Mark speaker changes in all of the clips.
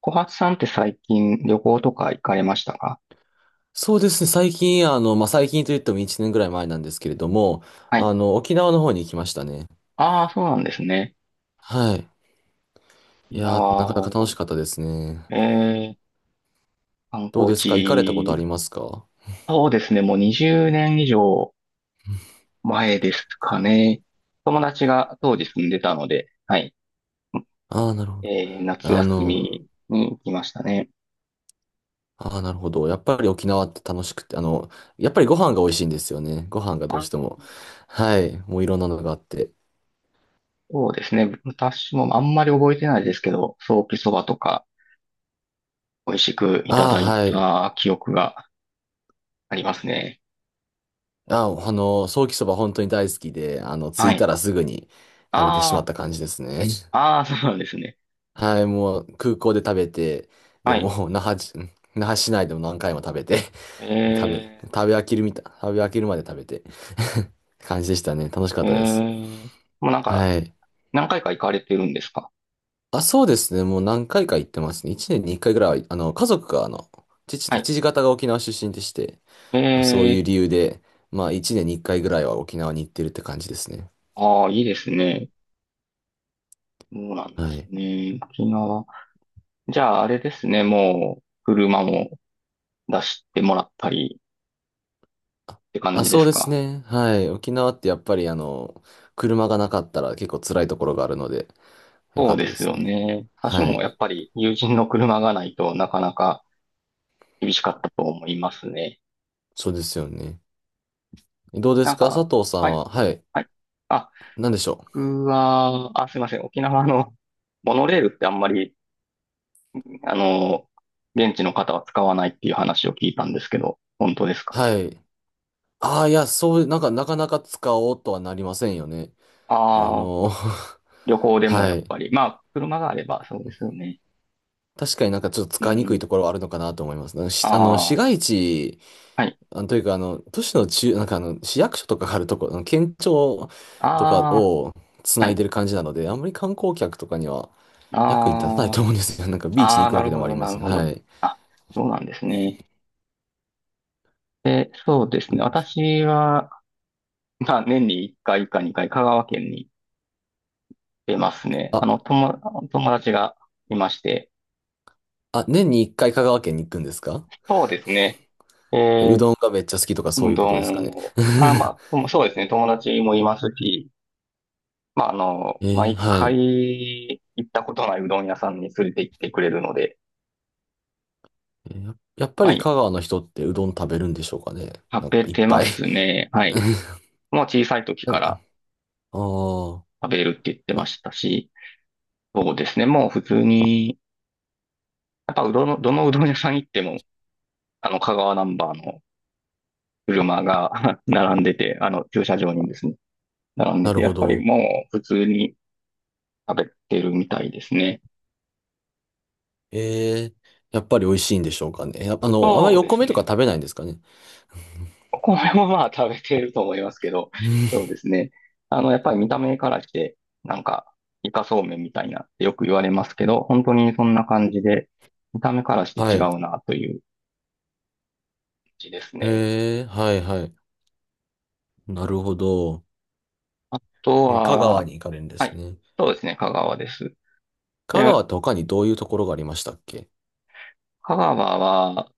Speaker 1: 小初さんって最近旅行とか行かれましたか？
Speaker 2: そうですね。最近、あの、まあ、最近といっても1年ぐらい前なんですけれども、
Speaker 1: はい。
Speaker 2: 沖縄の方に行きましたね。
Speaker 1: ああ、そうなんですね。
Speaker 2: はい。い
Speaker 1: 今
Speaker 2: やー、なかなか楽し
Speaker 1: は、
Speaker 2: かったですね。
Speaker 1: えー、観
Speaker 2: どう
Speaker 1: 光
Speaker 2: ですか、行かれたことあり
Speaker 1: 地。
Speaker 2: ますか？
Speaker 1: そうですね。もう20年以上前ですかね。友達が当時住んでたので、はい。
Speaker 2: ああー、なるほど。
Speaker 1: 夏
Speaker 2: あ
Speaker 1: 休
Speaker 2: の、
Speaker 1: みに行きましたね。
Speaker 2: ああ、なるほど。やっぱり沖縄って楽しくて、やっぱりご飯が美味しいんですよね。ご飯がどう
Speaker 1: あ、
Speaker 2: しても。はい。もういろんなのがあって。
Speaker 1: そうですね。私もあんまり覚えてないですけど、ソーキそばとか美味しくいた
Speaker 2: ああ、
Speaker 1: だい
Speaker 2: はい。
Speaker 1: た記憶がありますね。
Speaker 2: ああ、ソーキそば本当に大好きで、着
Speaker 1: は
Speaker 2: いた
Speaker 1: い。
Speaker 2: らすぐに食べてしまっ
Speaker 1: あ
Speaker 2: た感じですね。
Speaker 1: あ、ああ、そうなんですね。
Speaker 2: はい、もう空港で食べて、で、
Speaker 1: はい。
Speaker 2: もう那覇じ、那覇市内でも何回も食べて、もう食
Speaker 1: え
Speaker 2: べ飽きるみたい、食べ飽きるまで食べて 感じでしたね。楽しかっ
Speaker 1: ー、え
Speaker 2: たです。
Speaker 1: ー、もうなんか、
Speaker 2: はい。
Speaker 1: 何回か行かれてるんですか？
Speaker 2: あ、そうですね。もう何回か行ってますね。1年に1回ぐらいは、家族が、
Speaker 1: はい。
Speaker 2: 父方が沖縄出身でして、
Speaker 1: え
Speaker 2: まあそういう
Speaker 1: ー、
Speaker 2: 理由で、まあ1年に1回ぐらいは沖縄に行ってるって感じですね。
Speaker 1: ああ、いいですね。そうなんで
Speaker 2: は
Speaker 1: す
Speaker 2: い。
Speaker 1: ね。沖縄。じゃあ、あれですね。もう、車も出してもらったりって感
Speaker 2: あ、
Speaker 1: じで
Speaker 2: そう
Speaker 1: す
Speaker 2: です
Speaker 1: か？
Speaker 2: ね。はい。沖縄ってやっぱり車がなかったら結構辛いところがあるので、よか
Speaker 1: そ
Speaker 2: っ
Speaker 1: う
Speaker 2: た
Speaker 1: で
Speaker 2: で
Speaker 1: す
Speaker 2: す
Speaker 1: よ
Speaker 2: ね。
Speaker 1: ね。私
Speaker 2: は
Speaker 1: も
Speaker 2: い。
Speaker 1: やっぱり友人の車がないとなかなか厳しかったと思いますね。
Speaker 2: そうですよね。どうです
Speaker 1: なん
Speaker 2: か、佐
Speaker 1: か、
Speaker 2: 藤さ
Speaker 1: は
Speaker 2: ん
Speaker 1: い、
Speaker 2: は。はい。
Speaker 1: はい。あ、
Speaker 2: 何でしょう。
Speaker 1: 僕は、あ、すいません。沖縄の モノレールってあんまりあの、現地の方は使わないっていう話を聞いたんですけど、本当ですか？
Speaker 2: はい。ああ、いや、そう、なかなか使おうとはなりませんよね。あ
Speaker 1: ああ、
Speaker 2: の、
Speaker 1: 旅行 でも
Speaker 2: は
Speaker 1: やっ
Speaker 2: い。
Speaker 1: ぱり。まあ、車があればそうですよね。
Speaker 2: 確かになんかちょっと
Speaker 1: う
Speaker 2: 使いにくい
Speaker 1: ん。
Speaker 2: ところはあるのかなと思います。なんかし、あの、市
Speaker 1: あ
Speaker 2: 街地、
Speaker 1: あ、はい。
Speaker 2: というか、都市の中、市役所とかがあるところ、県庁とか
Speaker 1: あ
Speaker 2: をつ
Speaker 1: あ、
Speaker 2: な
Speaker 1: は
Speaker 2: いで
Speaker 1: い。
Speaker 2: る感じなので、あんまり観光客とかには役に立たない
Speaker 1: あ
Speaker 2: と思うんですよ。なんか
Speaker 1: あ、
Speaker 2: ビーチ
Speaker 1: あ
Speaker 2: に行
Speaker 1: あ、
Speaker 2: く
Speaker 1: な
Speaker 2: わけ
Speaker 1: る
Speaker 2: で
Speaker 1: ほ
Speaker 2: もあり
Speaker 1: ど、
Speaker 2: ま
Speaker 1: な
Speaker 2: す
Speaker 1: る
Speaker 2: し。
Speaker 1: ほど。
Speaker 2: はい。
Speaker 1: あ、そうなんですね。で、そうですね。私は、まあ、年に1回か2回、香川県に出ますね。
Speaker 2: あ、
Speaker 1: 友達がいまして。
Speaker 2: あ、年に一回香川県に行くんですか？
Speaker 1: そうですね。え
Speaker 2: え、う
Speaker 1: ー
Speaker 2: どんがめっちゃ好きとかそう
Speaker 1: う
Speaker 2: いうこ
Speaker 1: ど
Speaker 2: とですか
Speaker 1: ん
Speaker 2: ね。
Speaker 1: を、あ、まあ、うんそうですね、友達もいますし、まあ、毎
Speaker 2: は
Speaker 1: 回
Speaker 2: い。
Speaker 1: 行ったことないうどん屋さんに連れて行ってくれるので、
Speaker 2: やっぱ
Speaker 1: は
Speaker 2: り
Speaker 1: い、
Speaker 2: 香川の人ってうどん食べるんでしょうかね。
Speaker 1: 食べ
Speaker 2: いっ
Speaker 1: て
Speaker 2: ぱ
Speaker 1: ま
Speaker 2: い。
Speaker 1: すね。は い。もう小さい時
Speaker 2: な
Speaker 1: か
Speaker 2: んか
Speaker 1: ら
Speaker 2: ああ、
Speaker 1: 食べるって言ってま
Speaker 2: な、
Speaker 1: したし、そうですね、もう普通に、やっぱうどんの、どのうどん屋さん行っても、香川ナンバーの車が 並んでて、駐車場にですね、並んで
Speaker 2: な
Speaker 1: て、
Speaker 2: る
Speaker 1: や
Speaker 2: ほ
Speaker 1: っぱり
Speaker 2: ど。
Speaker 1: もう普通に食べてるみたいですね。
Speaker 2: えー、やっぱり美味しいんでしょうかね。やっぱあんまり
Speaker 1: そう
Speaker 2: お
Speaker 1: です
Speaker 2: 米とか
Speaker 1: ね。
Speaker 2: 食べないんですかね。
Speaker 1: お米もまあ食べてると思いますけど、
Speaker 2: うん、
Speaker 1: そうですね。やっぱり見た目からして、なんか、イカそうめんみたいなってよく言われますけど、本当にそんな感じで、見た目からし
Speaker 2: は
Speaker 1: て違
Speaker 2: い。
Speaker 1: うなという感じですね。
Speaker 2: はいはい。なるほど。
Speaker 1: あと
Speaker 2: 香川
Speaker 1: は、
Speaker 2: に行かれるんで
Speaker 1: は
Speaker 2: す
Speaker 1: い、
Speaker 2: ね。
Speaker 1: そうですね、香川です。
Speaker 2: 香
Speaker 1: で、
Speaker 2: 川って他にどういうところがありましたっけ？
Speaker 1: 香川は、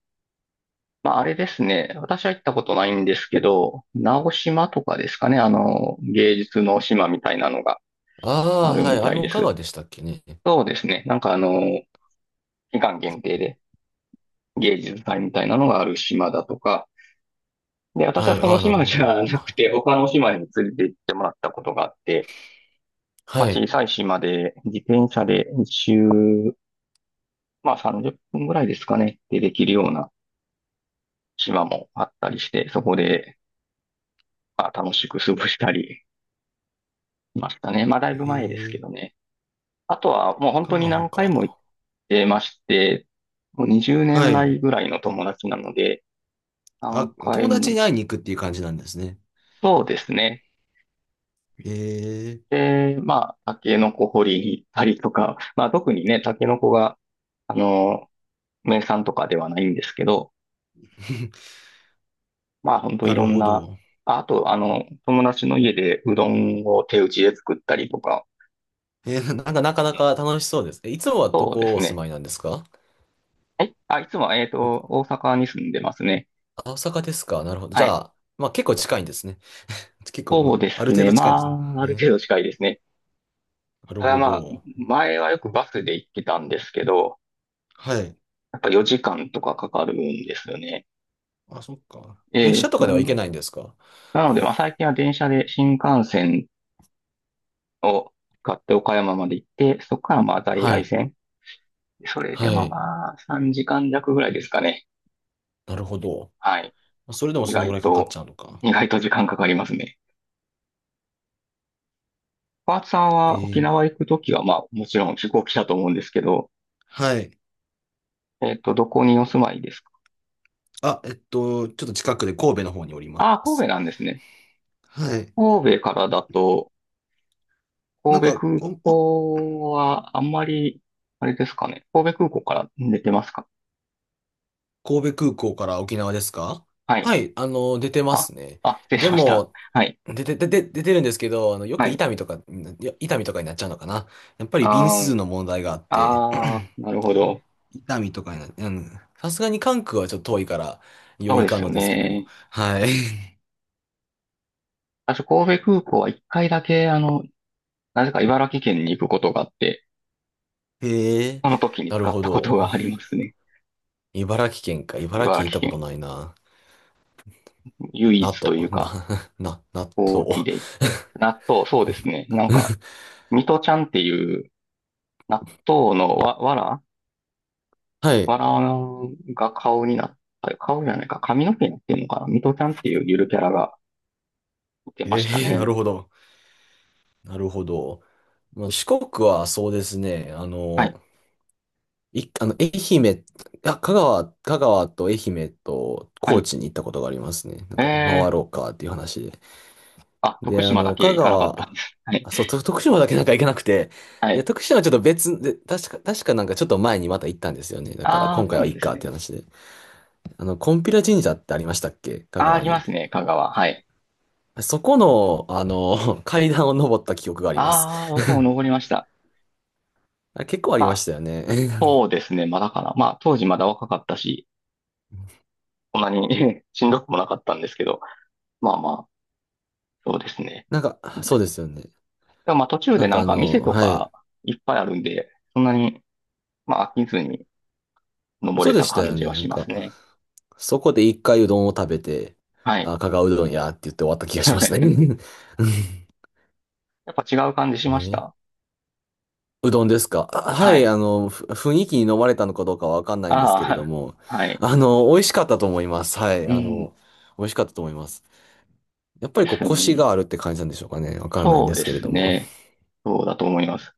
Speaker 1: まああれですね、私は行ったことないんですけど、直島とかですかね、芸術の島みたいなのが
Speaker 2: あ
Speaker 1: あ
Speaker 2: あー、
Speaker 1: る
Speaker 2: はい。
Speaker 1: み
Speaker 2: あ
Speaker 1: た
Speaker 2: れ
Speaker 1: い
Speaker 2: も
Speaker 1: で
Speaker 2: 香川
Speaker 1: す。
Speaker 2: でしたっけね。
Speaker 1: そうですね、期間限定で、芸術祭みたいなのがある島だとか、で、私
Speaker 2: は
Speaker 1: は
Speaker 2: い。
Speaker 1: そ
Speaker 2: あ
Speaker 1: の
Speaker 2: あ、なる
Speaker 1: 島
Speaker 2: ほ
Speaker 1: じ
Speaker 2: ど。
Speaker 1: ゃなくて、他の島に連れて行ってもらったことがあって、ま
Speaker 2: は
Speaker 1: あ、
Speaker 2: い。
Speaker 1: 小さい島で自転車で一周、まあ30分ぐらいですかね、でできるような島もあったりして、そこで、まあ、楽しく過ごしたりしましたね。まあだい
Speaker 2: え
Speaker 1: ぶ前ですけ
Speaker 2: え、
Speaker 1: どね。あとはもう本
Speaker 2: 香
Speaker 1: 当に
Speaker 2: 川
Speaker 1: 何回も行っ
Speaker 2: か。
Speaker 1: てまして、もう20
Speaker 2: は
Speaker 1: 年
Speaker 2: い。
Speaker 1: 来ぐらいの友達なので、
Speaker 2: あ、
Speaker 1: 何
Speaker 2: 友
Speaker 1: 回も、
Speaker 2: 達に会いに行くっていう感じなんですね。
Speaker 1: そうですね。
Speaker 2: ええ、
Speaker 1: で、まあ、タケノコ掘りに行ったりとか、まあ、特にね、タケノコが、あの、名産とかではないんですけど、まあ、本当
Speaker 2: な
Speaker 1: い
Speaker 2: る
Speaker 1: ろん
Speaker 2: ほ
Speaker 1: な、
Speaker 2: ど。
Speaker 1: ああと、あの、友達の家でうどんを手打ちで作ったりとか、
Speaker 2: なかなか楽しそうです。いつもはど
Speaker 1: そうで
Speaker 2: こ
Speaker 1: す
Speaker 2: お住
Speaker 1: ね。
Speaker 2: まいなんですか？
Speaker 1: はい。あ、いつも
Speaker 2: い
Speaker 1: 大阪に住んでますね。
Speaker 2: あ、大阪ですか？なるほど。じ
Speaker 1: は
Speaker 2: ゃ
Speaker 1: い。
Speaker 2: あ、まあ結構近いんですね。結構、う
Speaker 1: そう
Speaker 2: ん、
Speaker 1: で
Speaker 2: ある
Speaker 1: す
Speaker 2: 程
Speaker 1: ね。
Speaker 2: 度
Speaker 1: ま
Speaker 2: 近いんですね。
Speaker 1: あ、あ
Speaker 2: え
Speaker 1: る
Speaker 2: ー
Speaker 1: 程度近いですね。
Speaker 2: なる
Speaker 1: ただ
Speaker 2: ほ
Speaker 1: まあ、
Speaker 2: ど。
Speaker 1: 前はよくバスで行ってたんですけど、
Speaker 2: はい。
Speaker 1: やっぱ4時間とかかかるんですよね。
Speaker 2: あ、そっか。
Speaker 1: え
Speaker 2: 列車
Speaker 1: え、
Speaker 2: とかでは行けないんですか？
Speaker 1: なので、まあ、最近は電車で新幹線を買って岡山まで行って、そこからまあ在
Speaker 2: は
Speaker 1: 来
Speaker 2: い。
Speaker 1: 線。それで
Speaker 2: は
Speaker 1: も
Speaker 2: い。
Speaker 1: まあ3時間弱ぐらいですかね。
Speaker 2: なるほど。
Speaker 1: はい。
Speaker 2: それでも
Speaker 1: 意
Speaker 2: そのぐ
Speaker 1: 外
Speaker 2: らいかかっち
Speaker 1: と、
Speaker 2: ゃうのか。
Speaker 1: 意外と時間かかりますね。パーツさん
Speaker 2: え
Speaker 1: は沖
Speaker 2: ー
Speaker 1: 縄行くときはまあもちろん飛行機だと思うんですけど、
Speaker 2: はい。
Speaker 1: どこにお住まいですか？
Speaker 2: あ、ちょっと近くで神戸の方におりま
Speaker 1: ああ、神戸
Speaker 2: す。
Speaker 1: なんですね。
Speaker 2: はい。
Speaker 1: 神戸からだと、
Speaker 2: なん
Speaker 1: 神戸
Speaker 2: か、
Speaker 1: 空
Speaker 2: こ
Speaker 1: 港はあんまり、あれですかね。神戸空港から出てますか？
Speaker 2: 神戸空港から沖縄ですか？
Speaker 1: はい。
Speaker 2: はい、出てま
Speaker 1: あ、
Speaker 2: すね。
Speaker 1: あ、失礼
Speaker 2: で
Speaker 1: しました。
Speaker 2: も、
Speaker 1: はい。
Speaker 2: 出てるんですけど、よ
Speaker 1: は
Speaker 2: く伊
Speaker 1: い、
Speaker 2: 丹とか、いや、伊丹とかになっちゃうのかな。やっぱり便
Speaker 1: あ
Speaker 2: 数
Speaker 1: ー、
Speaker 2: の問題があって、
Speaker 1: あー、なるほど。
Speaker 2: 伊丹とかにな、うん、さすがに関空はちょっと遠いから、
Speaker 1: そ
Speaker 2: 余
Speaker 1: う
Speaker 2: い
Speaker 1: で
Speaker 2: かん
Speaker 1: すよ
Speaker 2: のですけども。
Speaker 1: ね。
Speaker 2: はい。
Speaker 1: 私、神戸空港は一回だけ、なぜか茨城県に行くことがあって、
Speaker 2: へえ、
Speaker 1: その時に
Speaker 2: なる
Speaker 1: 使っ
Speaker 2: ほ
Speaker 1: たこと
Speaker 2: ど。
Speaker 1: がありますね。
Speaker 2: 茨城県か。茨城
Speaker 1: 茨
Speaker 2: 県行っ
Speaker 1: 城
Speaker 2: たこと
Speaker 1: 県。
Speaker 2: ないな。
Speaker 1: 唯
Speaker 2: な
Speaker 1: 一とい
Speaker 2: と、
Speaker 1: う
Speaker 2: な、
Speaker 1: か、
Speaker 2: 納
Speaker 1: 大き
Speaker 2: 豆。
Speaker 1: いで 行って。納豆、そうですね。なんか、ミトちゃんっていう納豆の
Speaker 2: はい。
Speaker 1: わらが顔になった、顔じゃないか、髪の毛になってるのかな、ミトちゃんっていうゆるキャラがいてま
Speaker 2: え
Speaker 1: した
Speaker 2: な
Speaker 1: ね。
Speaker 2: るほど。なるほど。まあ、四国はそうですね。あ
Speaker 1: はい、
Speaker 2: の、い、あの、愛媛、あ、香川、香川と愛媛と
Speaker 1: は
Speaker 2: 高
Speaker 1: い。
Speaker 2: 知に行ったことがありますね。なん
Speaker 1: え
Speaker 2: か、回
Speaker 1: ー、
Speaker 2: ろうかっていう話で。
Speaker 1: あ、徳
Speaker 2: で、
Speaker 1: 島だけ行かなかったんです。はい、
Speaker 2: あ、そう、と徳島だけ行けなくて、
Speaker 1: は
Speaker 2: で、
Speaker 1: い。
Speaker 2: 徳島はちょっと別で、確かちょっと前にまた行ったんですよね。だから
Speaker 1: ああ、
Speaker 2: 今
Speaker 1: そ
Speaker 2: 回
Speaker 1: うな
Speaker 2: はい
Speaker 1: ん
Speaker 2: い
Speaker 1: です
Speaker 2: かってい
Speaker 1: ね。
Speaker 2: う話で。金毘ラ神社ってありましたっけ、香
Speaker 1: ああ、あ
Speaker 2: 川
Speaker 1: りま
Speaker 2: に？
Speaker 1: すね、香川。はい。
Speaker 2: そこの、階段を登った記憶があります。
Speaker 1: ああ、僕も 登りました。
Speaker 2: あ、結構あり
Speaker 1: ま
Speaker 2: まし
Speaker 1: あ、
Speaker 2: たよね。
Speaker 1: そうですね、まだかな。まあ、当時まだ若かったし、そんなに しんどくもなかったんですけど、まあまあ、そうですね。
Speaker 2: そうですよね。
Speaker 1: でもまあ、途中でなんか店と
Speaker 2: はい。
Speaker 1: かいっぱいあるんで、そんなに、まあ、飽きずに登
Speaker 2: そう
Speaker 1: れ
Speaker 2: で
Speaker 1: た
Speaker 2: した
Speaker 1: 感
Speaker 2: よ
Speaker 1: じ
Speaker 2: ね。
Speaker 1: はしますね。
Speaker 2: そこで一回うどんを食べて、
Speaker 1: はい。
Speaker 2: あ、香川うどんやって言って終わった気がしますね。うん
Speaker 1: やっぱ違う感じしまし
Speaker 2: ね、
Speaker 1: た。
Speaker 2: うどんですか？あ、は
Speaker 1: は
Speaker 2: い、
Speaker 1: い。
Speaker 2: 雰囲気に飲まれたのかどうかはわかんないんですけれど
Speaker 1: あ
Speaker 2: も、
Speaker 1: あ、はい。
Speaker 2: 美味しかったと思います。はい、
Speaker 1: うん、
Speaker 2: 美味しかったと思います。やっぱり
Speaker 1: で
Speaker 2: こう、
Speaker 1: すよ
Speaker 2: コシが
Speaker 1: ね。
Speaker 2: あるって感じなんでしょうかね。わかんないん
Speaker 1: そ
Speaker 2: で
Speaker 1: う
Speaker 2: す
Speaker 1: で
Speaker 2: けれ
Speaker 1: す
Speaker 2: ども。
Speaker 1: ね。そうだと思います。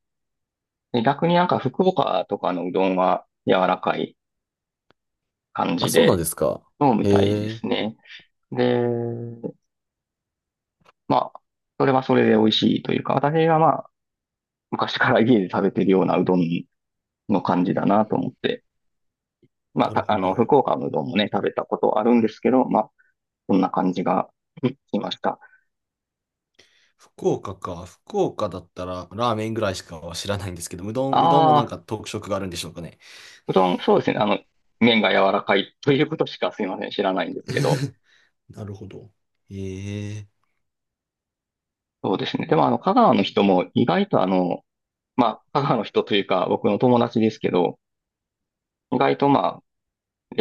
Speaker 1: で逆になんか福岡とかのうどんは柔らかい感
Speaker 2: あ、
Speaker 1: じ
Speaker 2: そうなん
Speaker 1: で
Speaker 2: ですか。
Speaker 1: 飲むみ
Speaker 2: へ
Speaker 1: たいで
Speaker 2: え。
Speaker 1: すね。で、まあ、それはそれで美味しいというか、私がまあ、昔から家で食べてるようなうどんの感じだなと思って、まあ、
Speaker 2: なる
Speaker 1: た
Speaker 2: ほ
Speaker 1: あ
Speaker 2: ど。
Speaker 1: の、福岡のうどんもね、食べたことあるんですけど、まあ、そんな感じが、うん、しました。
Speaker 2: 福岡か。福岡だったらラーメンぐらいしかは知らないんですけど、うどんもなん
Speaker 1: ああ、
Speaker 2: か特色があるんでしょうかね。
Speaker 1: うどん、そうですね。麺が柔らかいということしかすいません、知らないんですけど。
Speaker 2: なるほど。ええ。
Speaker 1: そうですね。でも、香川の人も意外とまあ、母の人というか、僕の友達ですけど、意外とまあ、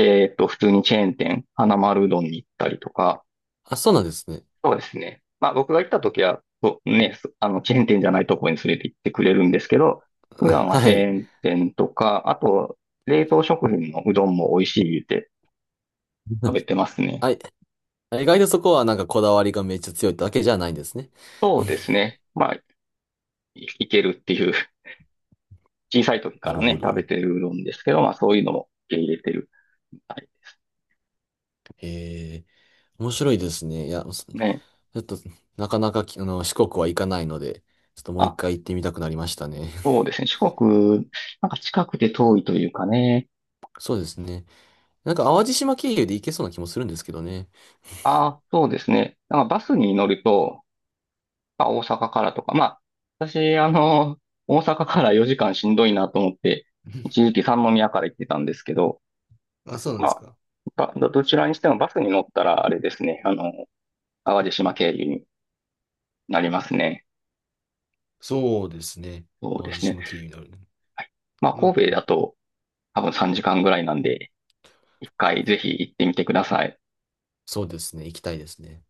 Speaker 1: 普通にチェーン店、花丸うどんに行ったりとか、
Speaker 2: あ、そうなんですね。
Speaker 1: そうですね。まあ、僕が行った時は、そうね、そあの、チェーン店じゃないところに連れて行ってくれるんですけど、普 段は
Speaker 2: は
Speaker 1: チェ
Speaker 2: い。
Speaker 1: ーン店とか、あと、冷凍食品のうどんも美味しい言って食べ てますね。
Speaker 2: あ、意外とそこはなんかこだわりがめっちゃ強いだけじゃないんですね。
Speaker 1: そうです ね。まあ、いいけるっていう、小さい時
Speaker 2: な
Speaker 1: から
Speaker 2: るほ
Speaker 1: ね、食べ
Speaker 2: ど。
Speaker 1: てるうどんですけど、まあ、そういうのも受け入れてるみたいで
Speaker 2: へえ。面白いですね。いや、ち
Speaker 1: すね。
Speaker 2: ょっと、なかなかき、あの、四国は行かないので、ちょっともう一
Speaker 1: あ、
Speaker 2: 回行ってみたくなりましたね。
Speaker 1: そうですね。四国、なんか近くて遠いというかね。
Speaker 2: そうですね。淡路島経由で行けそうな気もするんですけどね。
Speaker 1: ああ、そうですね。なんかバスに乗ると、まあ、大阪からとか、まあ、私、大阪から4時間しんどいなと思って、一 時期三宮から行ってたんですけど、
Speaker 2: あ、そうなんです
Speaker 1: ま
Speaker 2: か。
Speaker 1: あ、どちらにしてもバスに乗ったら、あれですね、淡路島経由になりますね。
Speaker 2: そうですね。
Speaker 1: そう
Speaker 2: 淡
Speaker 1: で
Speaker 2: 路
Speaker 1: すね。
Speaker 2: 島経由になるね。
Speaker 1: はい。まあ、
Speaker 2: うん、
Speaker 1: 神戸だと多分3時間ぐらいなんで、一回ぜひ行ってみてください。
Speaker 2: そうですね。行きたいですね。